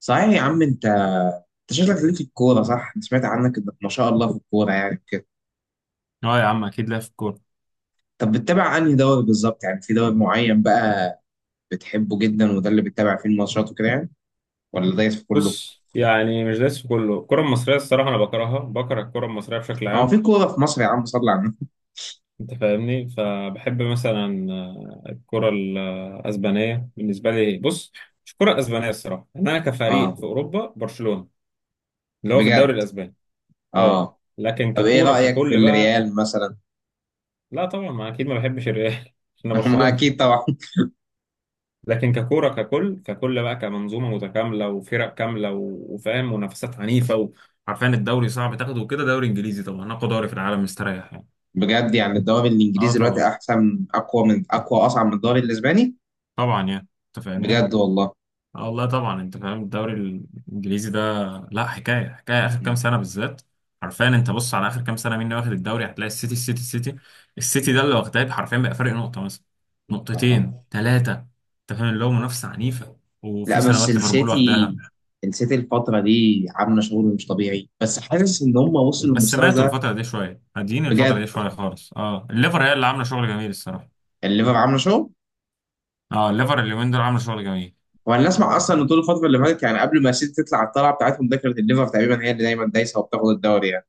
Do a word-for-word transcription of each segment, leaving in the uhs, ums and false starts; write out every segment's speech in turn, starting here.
صحيح يا عم انت. انت شكلك ليك في الكوره، صح؟ انا سمعت عنك انك ما شاء الله في الكوره يعني كده. اه يا عم اكيد ليا في الكوره. طب بتتابع انهي دوري بالظبط، يعني في دوري معين بقى بتحبه جدا وده اللي بتتابع فيه الماتشات وكده يعني، ولا دايس في كله؟ بص، يعني مش دايس في كله. الكرة المصرية الصراحة أنا بكرهها، بكره الكرة المصرية بشكل اه، عام. في كوره في مصر يا عم، صلي على النبي. أنت فاهمني، فبحب مثلا آه، الكرة الأسبانية بالنسبة لي. بص، مش الكرة الأسبانية الصراحة، إن أنا كفريق اه، في أوروبا برشلونة، اللي هو في بجد. الدوري الأسباني. أه. اه، لكن طب ايه ككورة رايك في ككل بقى. الريال مثلا؟ لا طبعا، ما أكيد ما بحبش الريال عشان أنا ما برشلونة. اكيد طبعا. لكن ككوره ككل ككل بقى، كمنظومه متكامله وفرق كامله و- وفاهم منافسات عنيفه، وعارفين الدوري صعب تاخده وكده. دوري انجليزي طبعا اقوى دوري في العالم، مستريح يعني. بجد، يعني الدوري اه الانجليزي دلوقتي طبعا. احسن، اقوى من اقوى، اصعب من الدوري الاسباني. طبعا يعني انت فاهمني. بجد والله. اه والله طبعا انت فاهم الدوري الانجليزي ده لا حكايه. حكايه اخر كام مم. سنه بالذات. حرفيا انت بص على اخر كام سنه مين اللي واخد الدوري، هتلاقي السيتي السيتي السيتي. السيتي ده اللي واخداه حرفيا، بقى فرق نقطه مثلا، اه، نقطتين ثلاثه. انت فاهم، اللي هو منافسه عنيفه. وفي لا بس سنوات ليفربول السيتي. واخداها. السيتي الفترة دي عاملة شغل مش طبيعي، بس حاسس إن هم وصلوا بس للمستوى سمعته ده. الفترة دي شوية هادين الفترة دي بجد، شوية خالص. اه، الليفر هي اللي عاملة شغل جميل الصراحة. يعني الليفر عاملة شغل. اه، الليفر اليومين دول عاملة شغل جميل. وأنا أسمع أصلا إن طول الفترة اللي فاتت، يعني قبل ما السيتي تطلع على الطلعة بتاعتهم ده، كانت الليفر تقريبا هي اللي دايما دايسة وبتاخد الدوري يعني.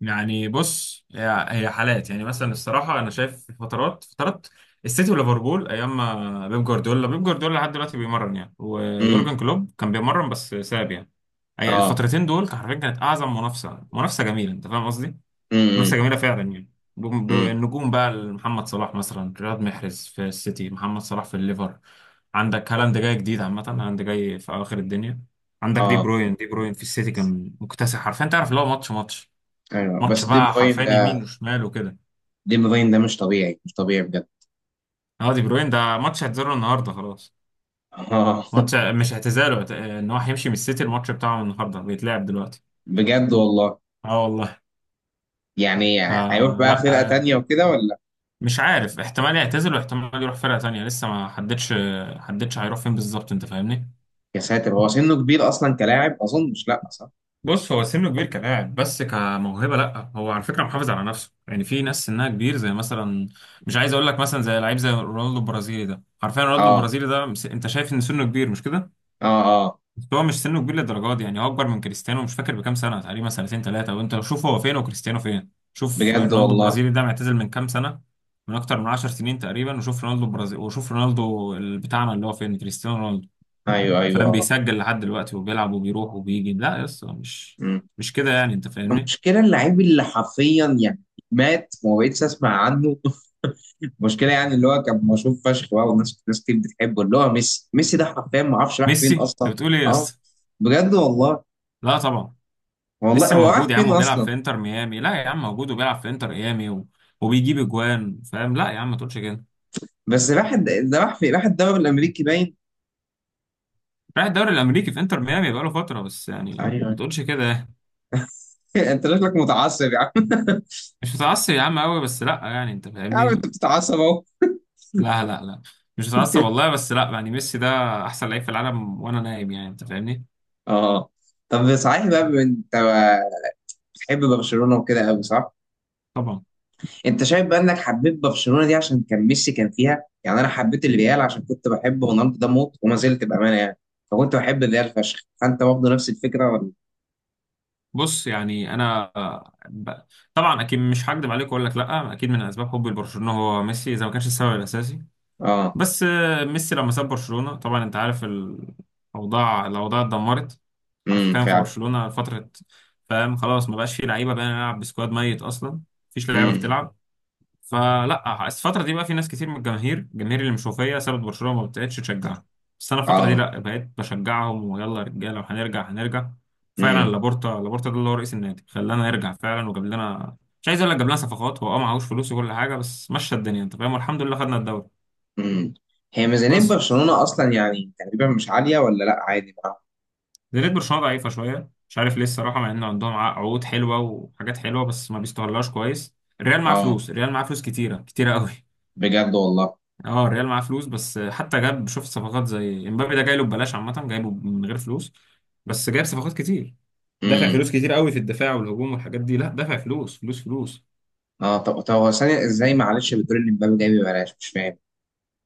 يعني بص، هي هي حالات، يعني مثلا الصراحة أنا شايف فترات فترات السيتي وليفربول أيام ما بيب جوارديولا. بيب جوارديولا لحد دلوقتي بيمرن يعني، امم. ويورجن كلوب كان بيمرن بس ساب يعني. أي- اه. الفترتين دول كان حرفيا، كانت أعظم منافسة. منافسة جميلة، أنت فاهم قصدي؟ منافسة امم. جميلة فعلا يعني. بم- ب- امم. النجوم بقى، محمد صلاح مثلا، رياض محرز في السيتي، محمد صلاح في الليفر. عندك هالاند جاي جديد، عامة هالاند جاي في أواخر الدنيا. عندك دي اه. بروين. دي بروين في السيتي كان مكتسح حرفيا، تعرف اللي هو ماتش ماتش ايوه، بس ماتش دي بقى بروين حرفيا، يمين ده. وشمال وكده. دي بروين ده مش طبيعي، مش طبيعي بجد. اه، دي بروين ده ماتش اعتزاله النهارده خلاص. اه. ماتش مش اعتزاله، اعت- ان هو هيمشي من السيتي. الماتش بتاعه النهارده بيتلعب دلوقتي. بجد والله. اه والله. يعني هيروح آه بقى لا فرقة آه، تانية وكده ولا؟ مش عارف، احتمال يعتزل واحتمال يروح فرقة تانية، لسه ما حددش. حددش هيروح فين بالظبط، انت فاهمني. يا ساتر، هو سنه كبير أصلا كلاعب أظن، مش، لا صح. بص، هو سنه كبير كلاعب بس كموهبة لا، هو على فكرة محافظ على نفسه. يعني في ناس سنها كبير زي مثلا، مش عايز اقول لك مثلا زي لعيب زي رونالدو البرازيلي ده. عارفين رونالدو اه. البرازيلي ده مس- انت شايف ان سنه كبير مش كده؟ اه. آه. بس هو مش سنه كبير للدرجه دي يعني. هو اكبر من كريستيانو مش فاكر بكام سنه، تقريبا سنتين ثلاثه. وانت لو شوف هو فين وكريستيانو فين. شوف بجد رونالدو والله. البرازيلي ده معتزل من كام سنه، من اكتر من عشر سنين تقريبا. وشوف رونالدو البرازيلي، وشوف رونالدو ال- بتاعنا اللي هو فين، كريستيانو رونالدو. ايوه ايوه فاهم؟ اه. بيسجل لحد دلوقتي وبيلعب وبيروح وبيجي. لا يا اسطى، مش مم. مش كده يعني، انت فاهمني. المشكله اللعيب اللي حرفيا يعني مات، وما بقتش اسمع عنه. المشكله يعني اللي هو كان مشهور فشخ بقى، والناس ناس كتير بتحبه، اللي هو ميسي. ميسي ده حرفيا ما اعرفش راح ميسي؟ فين اصلا. انت بتقول ايه يا اه. اسطى. بجد والله. لا طبعا. والله ميسي هو راح موجود يا عم فين وبيلعب اصلا؟ في انتر ميامي. لا يا عم، موجود وبيلعب في انتر ميامي و... وبيجيب اجوان، فاهم. لا يا عم ما تقولش كده. بس راح الد- ده راح فين، راح الدوري الامريكي باين. رايح الدوري الامريكي، في انتر ميامي بقاله فتره بس، يعني ايوه. ما تقولش كده. انت شكلك متعصب يا عم. مش متعصب يا عم قوي، بس لا يعني، انت يا عم انت فاهمني. بتتعصب اهو. لا لا لا، مش متعصب والله، بس لا يعني ميسي ده احسن لعيب في العالم وانا نايم، يعني انت فاهمني. اه. طب صحيح بقى، بما إن انت بتحب برشلونه وكده قوي، صح؟ طبعا. انت شايف بقى انك حبيت برشلونه دي عشان كان ميسي كان فيها؟ يعني انا حبيت الريال عشان كنت بحب رونالدو ده موت، وما زلت بامانه يعني، فكنت بحب الريال فشخ، فانت برضه نفس الفكره ولا؟ بص يعني انا ب... طبعا اكيد مش هكدب عليك واقول لك لا، اكيد من اسباب حبي لبرشلونه هو ميسي، اذا ما كانش السبب الاساسي. اه. بس آه، ميسي لما ساب برشلونة طبعا انت عارف الاوضاع، الاوضاع اتدمرت. امم، حرفيا في فعلا. برشلونة فترة، فاهم، خلاص ما بقاش فيه لعيبة بقى، نلعب بسكواد ميت اصلا، مفيش لعيبة امم. بتلعب. فلا الفترة دي بقى في ناس كتير من الجماهير، الجماهير اللي مشوفية سابت برشلونة ما بقتش تشجعها. بس انا الفترة دي اه. لا بقيت بشجعهم، ويلا يا رجالة وهنرجع هنرجع. فعلا امم. لابورتا، لابورتا ده اللي هو رئيس النادي خلانا نرجع فعلا، وجاب لنا، مش عايز اقول لك جاب لنا صفقات، هو اه معهوش فلوس وكل حاجة، بس مشى الدنيا انت فاهم، والحمد لله خدنا الدوري. امم. هي ميزانيه بس برشلونه اصلا يعني تقريبا مش عاليه، ولا لا، عادي بقى؟ زي ريد برشلونة ضعيفة شوية، مش عارف ليه الصراحة، مع إن عندهم ع- عقود حلوة وحاجات حلوة بس ما بيستغلهاش كويس. الريال معاه اه. فلوس، الريال معاه فلوس كتيرة كتيرة قوي بجد والله. اه الريال معاه فلوس، بس حتى جاب، شوف صفقات زي امبابي ده جاي له ببلاش، عامة جايبه من غير فلوس. بس جايب صفقات كتير، دافع امم. فلوس كتير قوي في الدفاع والهجوم والحاجات دي، لا دافع فلوس فلوس فلوس. اه، طب طب هو ثانيه، ازاي معلش؟ بتقول ان مبابي جاي ببلاش، مش فاهم.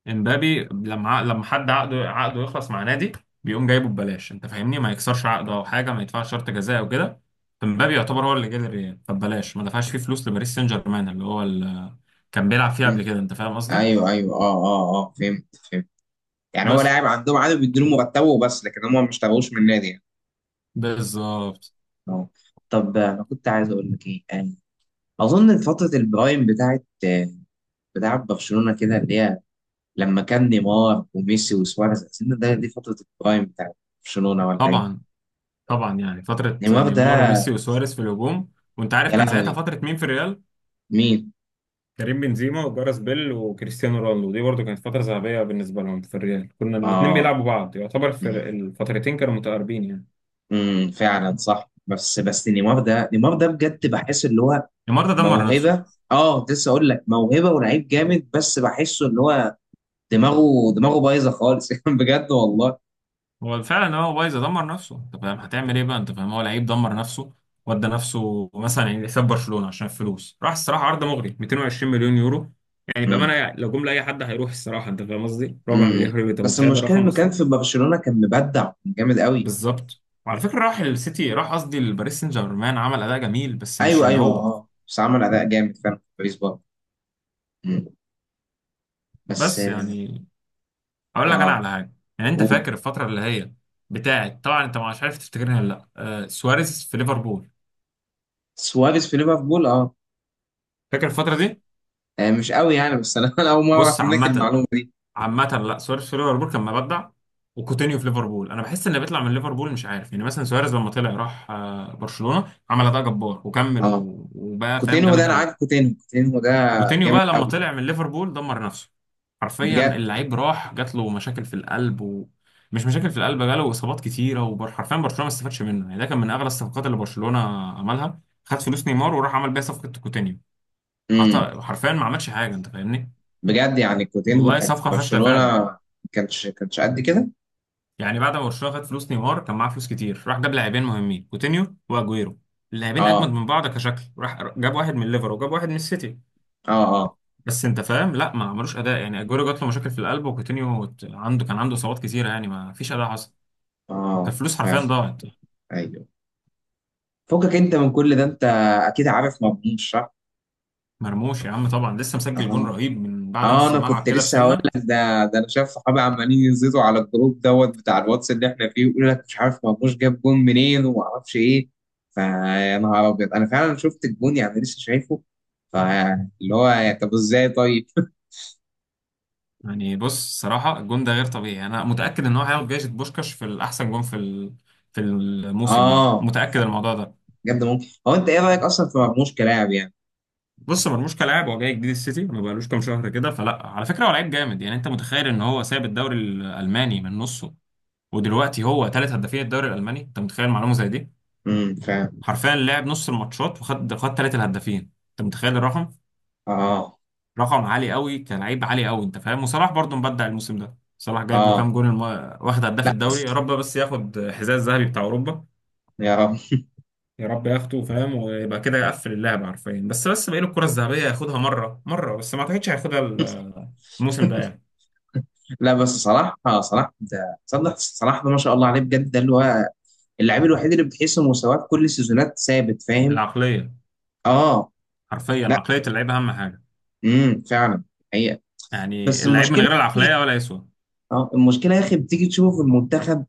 امبابي لما ع- لما حد عقده، عقده يخلص مع نادي بيقوم جايبه ببلاش، انت فاهمني. ما يكسرش عقده او حاجه، ما يدفعش شرط جزاء او كده. فامبابي يعتبر هو اللي جه للريال، فببلاش، ما دفعش فيه فلوس لباريس سان جيرمان اللي هو اللي كان بيلعب فيه قبل كده، انت فاهم قصدي. ايوه ايوه اه اه اه، فهمت فهمت. يعني هو بس لاعب عندهم عادي، بيدوا له مرتبه وبس، لكن هم ما اشتغلوش من النادي يعني. بالظبط. اه، طب آه، انا كنت عايز اقول لك ايه. آه، اظن فتره البرايم بتاعت آه، بتاعت برشلونه كده، اللي هي لما كان نيمار وميسي وسواريز. اظن ده دي فتره البرايم بتاعت برشلونه ولا طبعا. ايه؟ طبعا يعني فتره نيمار ده. نيمار وميسي وسواريز في الهجوم. وانت عارف يا كان ساعتها لهوي. فتره مين في الريال، مين؟ كريم بنزيما وجارس بيل وكريستيانو رونالدو. دي برضو كانت فتره ذهبيه بالنسبه لهم في الريال. كنا الاثنين اه. بيلعبوا بعض، يعتبر في الفترتين كانوا متقاربين يعني. امم، فعلا صح. بس بس نيمار ده نيمار ده بجد بحس اللي هو نيمار ده دمر نفسه. موهبه. اه، كنت لسه اقول لك موهبه ولعيب جامد، بس بحسه اللي هو دماغه دماغه بايظه خالص. بجد والله. هو فعلا هو بايظ، دمر نفسه، انت فاهم هتعمل ايه بقى، انت فاهم هو لعيب دمر نفسه. ودى نفسه مثلا يعني حساب برشلونه عشان الفلوس راح. الصراحه عرض مغري، مئتين وعشرين مليون يورو. يعني امم. بامانه لو جم لاي حد هيروح الصراحه، انت فاهم قصدي، ربع مليار امم. يورو، انت بس متخيل ده المشكله رقم انه كان اصلا. في برشلونه كان مبدع، كان جامد قوي. بالظبط. وعلى فكره راح السيتي، راح قصدي لباريس سان جيرمان، عمل اداء جميل بس مش ايوه اللي ايوه هو. اه، بس عمل اداء جامد فعلا في باريس برضه. امم. بس بس اه. يعني اقول لك انا آه. على حاجه. يعني انت فاكر الفتره اللي هي بتاعت، طبعا انت مش عارف تفتكرها ولا لا، آه سواريز في ليفربول، وسواريز في ليفربول اه. فاكر الفتره دي؟ آه، مش قوي يعني، بس انا أنا اول مره بص اعرف منك عامة، المعلومه دي. عامة لا، سواريز في ليفربول كان مبدع. وكوتينيو في ليفربول، انا بحس ان بيطلع من ليفربول، مش عارف يعني. مثلا سواريز لما طلع راح آه، برشلونة، عمل اداء جبار وكمل اه. و- وبقى فاهم كوتينهو ده جامد انا عارف. قوي. كوتينهو كوتينهو ده كوتينيو جامد بقى قوي. لما طلع من ليفربول دمر نفسه. حرفيا بجد. اللعيب راح جات له مشاكل في القلب، ومش مشاكل في القلب، جاله اصابات كتيرة، وحرفيا برشلونة ما استفادش منه يعني. ده كان من اغلى الصفقات اللي برشلونة عملها، خد فلوس نيمار وراح عمل بيها صفقة كوتينيو. حط- امم. حرفيا ما عملش حاجة، انت فاهمني. بجد، يعني كوتينهو والله كان في صفقة فاشلة برشلونه فعلا. ما كانش كانش قد كده. يعني بعد ما برشلونه خد فلوس نيمار كان معاه فلوس كتير، راح جاب لاعبين مهمين، كوتينيو واجويرو. اللاعبين اجمد اه من بعض كشكل، راح جاب واحد من ليفر وجاب واحد من السيتي. اه اه بس انت فاهم، لا ما عملوش اداء يعني. اجويرو جات له مشاكل في القلب، وكوتينيو ت- عنده، كان عنده اصابات كتيره يعني، ما فيش اداء حصل. اه، فالفلوس حرفيا فعلا. ضاعت. ايوه. فكك انت من كل ده، انت اكيد عارف مضمون، صح؟ مرموش يا عم طبعا، لسه مسجل جون اه. رهيب من بعد اه، نص انا الملعب كنت كده لسه هقول بسنه. لك ده ده انا شايف صحابي عمالين يزيدوا على الجروب دوت بتاع الواتس اللي احنا فيه، ويقول لك مش عارف مرموش جاب جون منين، وما اعرفش ايه. فيا نهار ابيض، انا فعلا شفت الجون يعني لسه شايفه. فاللي هو يعني طب، ازاي طيب؟ يعني بص صراحه، الجون ده غير طبيعي، انا متاكد ان هو هياخد جائزه بوشكاش في الاحسن جون في ال- في الموسم يعني، اه، متاكد الموضوع ده. بجد ممكن. هو انت ايه رايك اصلا في مرموش كلاعب يعني؟ بص مرموش كلاعب هو جاي جديد السيتي، ما بقالوش كام شهر كده، فلا على فكره هو لعيب جامد يعني. انت متخيل ان هو ساب الدوري الالماني من نصه ودلوقتي هو ثالث هدافين الدوري الالماني، انت متخيل معلومه زي دي؟ امم، فاهم. حرفيا لعب نص الماتشات وخد خد ثالث الهدافين، انت متخيل الرقم؟ اه. رقم عالي قوي، كلاعب عالي قوي، انت فاهم. وصلاح برضه مبدع الموسم ده، صلاح جايب له كام اه. جون الم... واخد هداف الدوري. يا رب بس ياخد حذاء الذهبي بتاع اوروبا، يا رب. يا رب ياخده، فاهم، ويبقى كده يقفل اللعبة حرفيا. بس بس بقيل الكرة الذهبية ياخدها مرة مرة، بس ما اعتقدش هياخدها ال- الموسم ده يعني. لا، بس صلاح، آه صلاح ده، صلاح صلاح ده ما شاء الله عليه بجد. ده اللي هو اللاعب الوحيد اللي بتحس إن مستواه في كل السيزونات ثابت، فاهم. العقلية، اه. حرفيا لا. عقلية اللعيب أهم حاجة. امم، فعلا. حقيقة. يعني بس اللعيب من المشكله. غير العقلية ولا يسوى. اه، المشكله يا اخي بتيجي تشوفه في المنتخب.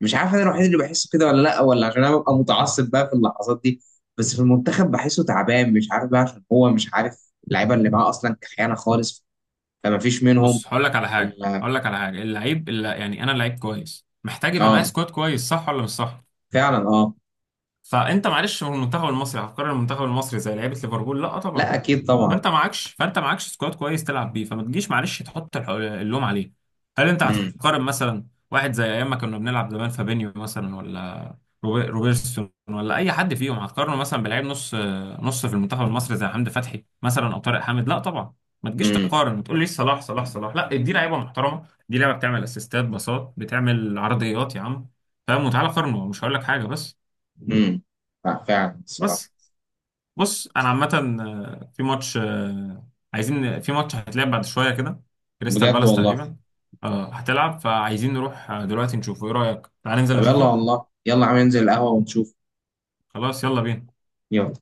مش عارف انا الوحيد اللي بحسه كده ولا لا، ولا عشان انا ببقى متعصب بقى في اللحظات دي. بس في المنتخب بحسه تعبان، مش عارف بقى عشان هو مش عارف، اللعيبه اللي معاه اصلا كخيانه خالص، فما فيش منهم. بص هقول لك على حاجة، ولا. هقول لك على حاجة، اللعيب اللي يعني، أنا لعيب كويس محتاج يبقى معايا اه، سكواد كويس، صح ولا مش صح؟ فعلا. اه. فأنت معلش، هو المنتخب المصري هفكر المنتخب المصري زي لعيبة ليفربول؟ لا طبعا. لا، اكيد طبعا. فانت معكش، فانت معكش سكواد كويس تلعب بيه، فما تجيش معلش تحط الح- اللوم عليه. هل انت امم. هتقارن مثلا واحد زي ايام ما كنا بنلعب زمان، فابينيو مثلا، ولا روبي- روبرتسون، ولا اي حد فيهم، هتقارنه مثلا بلعيب نص نص في المنتخب المصري زي حمدي فتحي مثلا او طارق حامد؟ لا طبعا. ما تجيش امم. تقارن وتقول لي صلاح صلاح صلاح. لا، دي لعيبه محترمه، دي لعيبه بتعمل اسيستات، باصات، بتعمل عرضيات يا عم، فاهم، وتعالى قارنه، مش هقول لك حاجه. بس، امم. لا، فعلا الصراحه. بس بص انا عامه، آه، في ماتش، آه، عايزين، في ماتش هيتلعب بعد شويه كده، كريستال بجد بالاس والله. تقريبا. اه هتلعب، فعايزين نروح آه، دلوقتي نشوفه. ايه رايك، تعال ننزل طب يلا نشوفه. والله، يلا عم، ننزل القهوه ونشوف. خلاص يلا بينا. نعم.